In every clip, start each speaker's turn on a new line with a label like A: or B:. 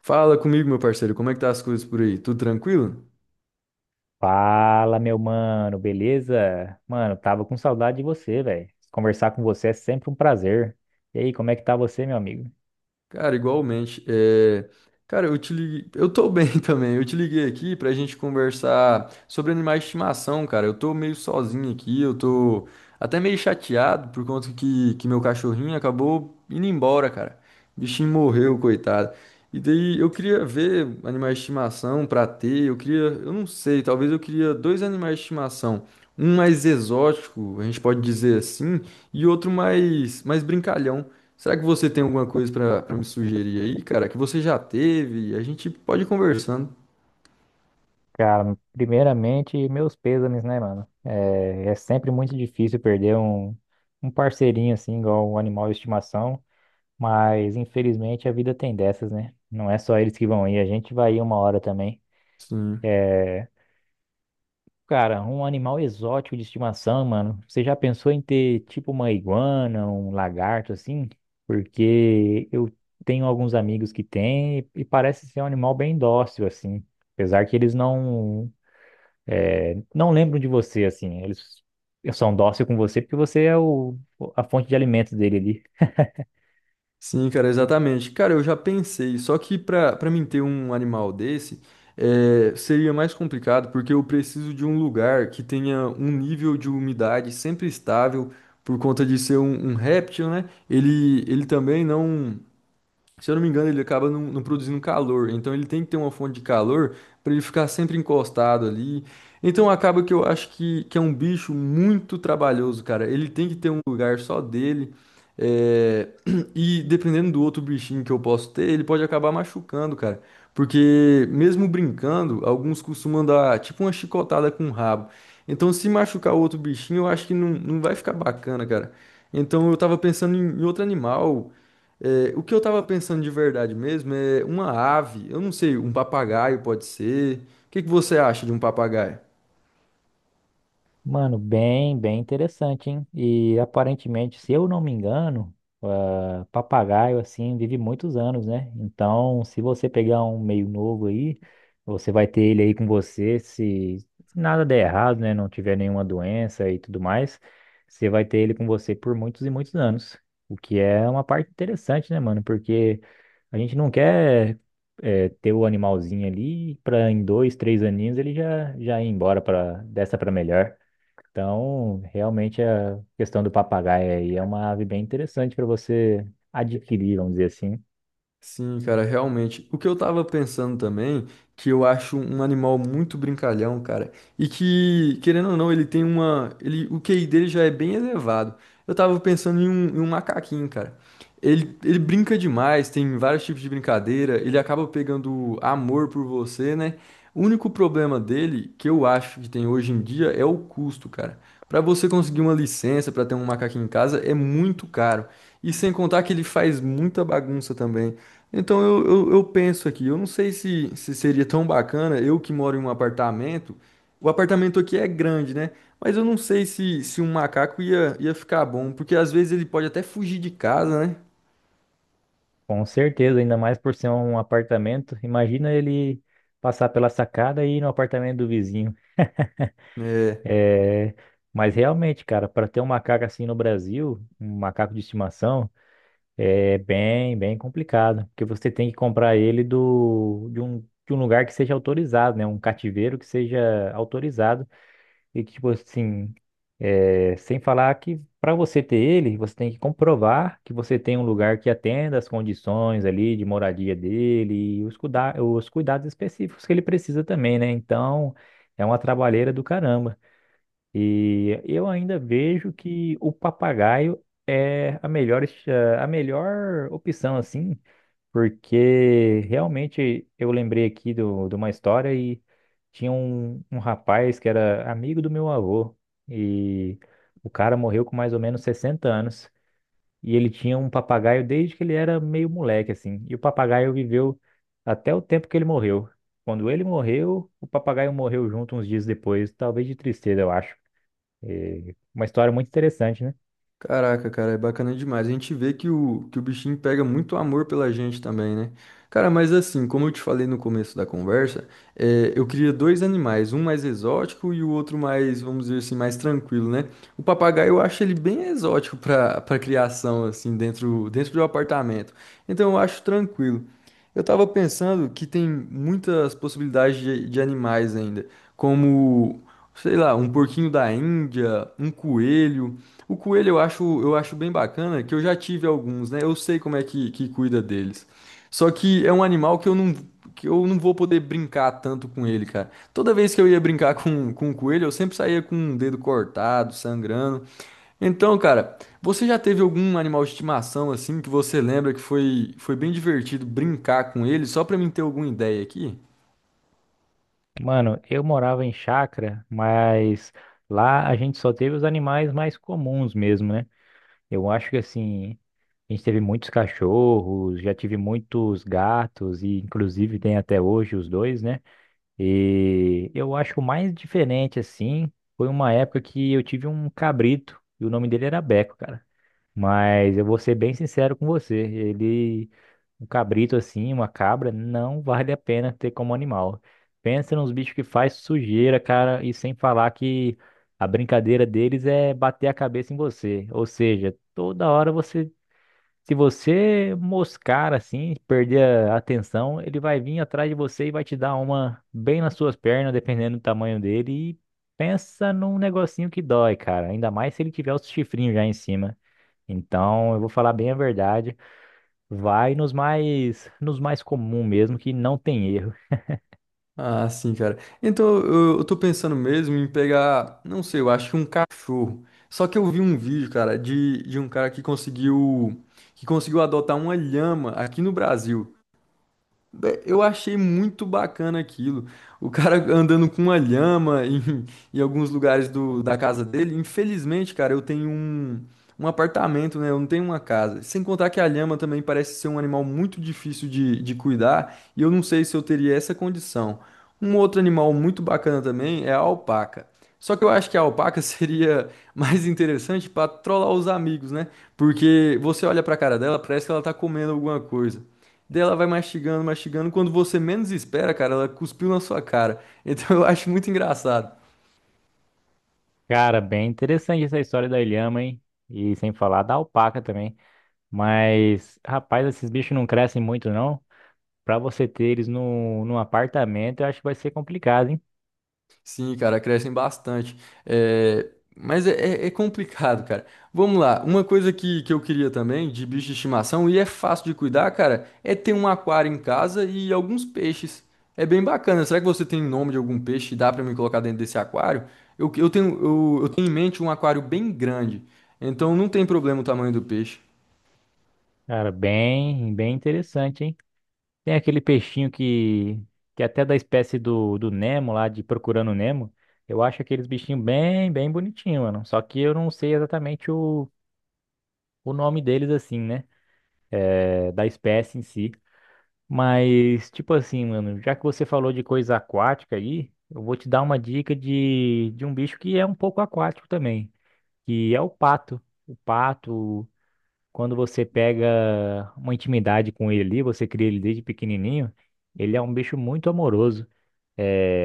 A: Fala comigo, meu parceiro, como é que tá as coisas por aí? Tudo tranquilo?
B: Fala, meu mano, beleza? Mano, tava com saudade de você, velho. Conversar com você é sempre um prazer. E aí, como é que tá você, meu amigo?
A: Cara, igualmente. Cara, eu te liguei. Eu tô bem também. Eu te liguei aqui pra gente conversar sobre animais de estimação, cara. Eu tô meio sozinho aqui, eu tô. Até meio chateado por conta que meu cachorrinho acabou indo embora, cara. O bichinho morreu, coitado. E daí eu queria ver animais de estimação pra ter. Eu queria, eu não sei, talvez eu queria dois animais de estimação. Um mais exótico, a gente pode dizer assim, e outro mais, mais brincalhão. Será que você tem alguma coisa pra me sugerir aí, cara? Que você já teve? A gente pode ir conversando.
B: Cara, primeiramente, meus pêsames, né, mano? É sempre muito difícil perder um parceirinho assim, igual um animal de estimação, mas infelizmente a vida tem dessas, né? Não é só eles que vão ir, a gente vai ir uma hora também.
A: Sim.
B: Cara, um animal exótico de estimação, mano. Você já pensou em ter tipo uma iguana, um lagarto assim? Porque eu tenho alguns amigos que têm e parece ser um animal bem dócil assim, apesar que eles não não lembram de você assim. Eles são dóceis com você porque você é a fonte de alimentos dele.
A: Sim, cara, exatamente. Cara, eu já pensei, só que pra para mim ter um animal desse, seria mais complicado, porque eu preciso de um lugar que tenha um nível de umidade sempre estável, por conta de ser um réptil, né? Ele também não. Se eu não me engano, ele acaba não, não produzindo calor. Então ele tem que ter uma fonte de calor para ele ficar sempre encostado ali. Então acaba que eu acho que é um bicho muito trabalhoso, cara. Ele tem que ter um lugar só dele. é, E dependendo do outro bichinho que eu posso ter, ele pode acabar machucando, cara. Porque mesmo brincando, alguns costumam dar tipo uma chicotada com o rabo. Então se machucar o outro bichinho, eu acho que não, não vai ficar bacana, cara. Então eu tava pensando em outro animal, o que eu tava pensando de verdade mesmo é uma ave, eu não sei, um papagaio pode ser. O que que você acha de um papagaio?
B: Mano, bem, bem interessante, hein? E aparentemente, se eu não me engano, ah, papagaio assim vive muitos anos, né? Então, se você pegar um meio novo aí, você vai ter ele aí com você, se nada der errado, né? Não tiver nenhuma doença e tudo mais, você vai ter ele com você por muitos e muitos anos. O que é uma parte interessante, né, mano? Porque a gente não quer ter o animalzinho ali para em 2, 3 aninhos ele já já ir embora para dessa para melhor. Então, realmente a questão do papagaio aí é uma ave bem interessante para você adquirir, vamos dizer assim.
A: Sim, cara, realmente. O que eu tava pensando também, que eu acho um animal muito brincalhão, cara, e que, querendo ou não, ele tem uma, ele, o QI dele já é bem elevado. Eu tava pensando em um macaquinho, cara. Ele brinca demais, tem vários tipos de brincadeira, ele acaba pegando amor por você, né? O único problema dele, que eu acho que tem hoje em dia, é o custo, cara. Pra você conseguir uma licença pra ter um macaquinho em casa é muito caro. E sem contar que ele faz muita bagunça também. Então eu penso aqui, eu não sei se, se seria tão bacana, eu que moro em um apartamento, o apartamento aqui é grande, né? Mas eu não sei se, se um macaco ia ficar bom, porque às vezes ele pode até fugir de casa, né?
B: Com certeza, ainda mais por ser um apartamento. Imagina ele passar pela sacada e ir no apartamento do vizinho.
A: É,
B: É. Mas realmente, cara, para ter um macaco assim no Brasil, um macaco de estimação, é bem, bem complicado, porque você tem que comprar ele do de um lugar que seja autorizado, né? Um cativeiro que seja autorizado. E que, tipo assim, é, sem falar que para você ter ele, você tem que comprovar que você tem um lugar que atenda as condições ali de moradia dele e os cuidados específicos que ele precisa também, né? Então, é uma trabalheira do caramba. E eu ainda vejo que o papagaio é a melhor, a melhor opção, assim, porque realmente eu lembrei aqui do, de uma história e tinha um rapaz que era amigo do meu avô e o cara morreu com mais ou menos 60 anos e ele tinha um papagaio desde que ele era meio moleque assim. E o papagaio viveu até o tempo que ele morreu. Quando ele morreu, o papagaio morreu junto uns dias depois, talvez de tristeza, eu acho. É uma história muito interessante, né?
A: Caraca, cara, é bacana demais. A gente vê que o bichinho pega muito amor pela gente também, né? Cara, mas assim, como eu te falei no começo da conversa, eu queria dois animais, um mais exótico e o outro mais, vamos dizer assim, mais tranquilo, né? O papagaio eu acho ele bem exótico para criação, assim, dentro do apartamento. Então eu acho tranquilo. Eu tava pensando que tem muitas possibilidades de animais ainda, como, sei lá, um porquinho da Índia, um coelho. O coelho eu acho bem bacana, que eu já tive alguns, né? Eu sei como é que cuida deles. Só que é um animal que eu não vou poder brincar tanto com ele, cara. Toda vez que eu ia brincar com o coelho, eu sempre saía com um dedo cortado, sangrando. Então, cara, você já teve algum animal de estimação assim que você lembra que foi bem divertido brincar com ele? Só pra mim ter alguma ideia aqui?
B: Mano, eu morava em chácara, mas lá a gente só teve os animais mais comuns mesmo, né? Eu acho que assim, a gente teve muitos cachorros, já tive muitos gatos, e inclusive tem até hoje os dois, né? E eu acho que o mais diferente, assim, foi uma época que eu tive um cabrito, e o nome dele era Beco, cara. Mas eu vou ser bem sincero com você. Ele, um cabrito assim, uma cabra, não vale a pena ter como animal. Pensa nos bichos que faz sujeira, cara, e sem falar que a brincadeira deles é bater a cabeça em você. Ou seja, toda hora você, se você moscar assim, perder a atenção, ele vai vir atrás de você e vai te dar uma bem nas suas pernas, dependendo do tamanho dele. E pensa num negocinho que dói, cara. Ainda mais se ele tiver os chifrinhos já em cima. Então, eu vou falar bem a verdade. Vai nos mais comum mesmo, que não tem erro.
A: Ah, sim, cara. Então, eu tô pensando mesmo em pegar, não sei, eu acho que um cachorro. Só que eu vi um vídeo, cara, de um cara que conseguiu adotar uma lhama aqui no Brasil. Eu achei muito bacana aquilo. O cara andando com uma lhama em alguns lugares da casa dele. Infelizmente, cara, eu tenho um apartamento, né? Eu não tenho uma casa. Sem contar que a lhama também parece ser um animal muito difícil de cuidar. E eu não sei se eu teria essa condição. Um outro animal muito bacana também é a alpaca. Só que eu acho que a alpaca seria mais interessante para trollar os amigos, né? Porque você olha pra cara dela, parece que ela tá comendo alguma coisa. Daí ela vai mastigando, mastigando. Quando você menos espera, cara, ela cuspiu na sua cara. Então eu acho muito engraçado.
B: Cara, bem interessante essa história da ilhama, hein? E sem falar da alpaca também. Mas, rapaz, esses bichos não crescem muito, não. Pra você ter eles no, num apartamento, eu acho que vai ser complicado, hein?
A: Sim, cara, crescem bastante. É, Mas é complicado, cara. Vamos lá. Uma coisa que eu queria também de bicho de estimação, e é fácil de cuidar, cara, é ter um aquário em casa e alguns peixes. É bem bacana. Será que você tem nome de algum peixe e dá pra me colocar dentro desse aquário? Eu tenho em mente um aquário bem grande. Então não tem problema o tamanho do peixe.
B: Cara, bem, bem interessante, hein? Tem aquele peixinho que é até da espécie do Nemo lá, de Procurando Nemo. Eu acho aqueles bichinhos bem, bem bonitinhos, mano. Só que eu não sei exatamente o nome deles, assim, né? É, da espécie em si. Mas, tipo assim, mano, já que você falou de coisa aquática aí, eu vou te dar uma dica de, um bicho que é um pouco aquático também, que é o pato. O pato, quando você pega uma intimidade com ele ali, você cria ele desde pequenininho, ele é um bicho muito amoroso. É,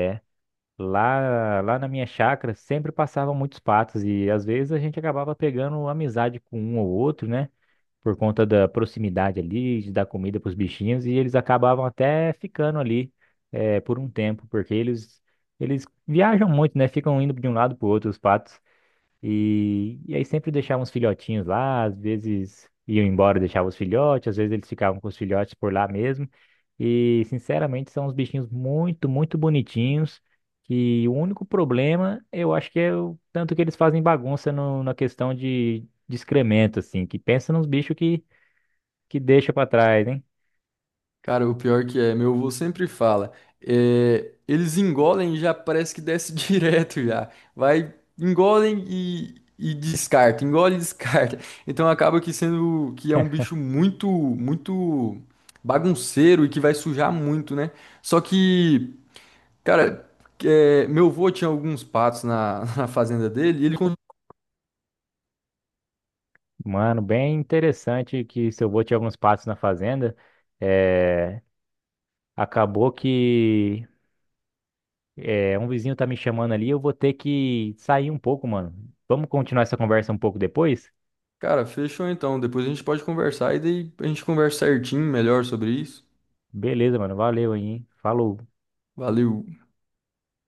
B: lá, na minha chácara sempre passavam muitos patos e às vezes a gente acabava pegando amizade com um ou outro, né? Por conta da proximidade ali, de dar comida para os bichinhos, e eles acabavam até ficando ali por um tempo, porque eles viajam muito, né? Ficam indo de um lado para o outro, os patos, e aí sempre deixavam os filhotinhos lá, às vezes iam embora e deixavam os filhotes, às vezes eles ficavam com os filhotes por lá mesmo, e sinceramente são uns bichinhos muito, muito bonitinhos. Que o único problema, eu acho que é o tanto que eles fazem bagunça na questão de excremento, assim, que pensa nos bichos que deixa pra trás, hein?
A: Cara, o pior que é, meu avô sempre fala, eles engolem e já parece que desce direto já. Vai, engolem e descarta, engole e descarta. Então acaba que sendo que é um bicho muito bagunceiro e que vai sujar muito, né? Só que, cara, meu avô tinha alguns patos na, na fazenda dele e ele, con-
B: Mano, bem interessante que seu avô tinha alguns passos na fazenda. É, acabou que um vizinho tá me chamando ali, eu vou ter que sair um pouco, mano. Vamos continuar essa conversa um pouco depois?
A: cara, fechou então, depois a gente pode conversar e daí a gente conversa certinho melhor sobre isso.
B: Beleza, mano. Valeu aí, hein? Falou.
A: Valeu.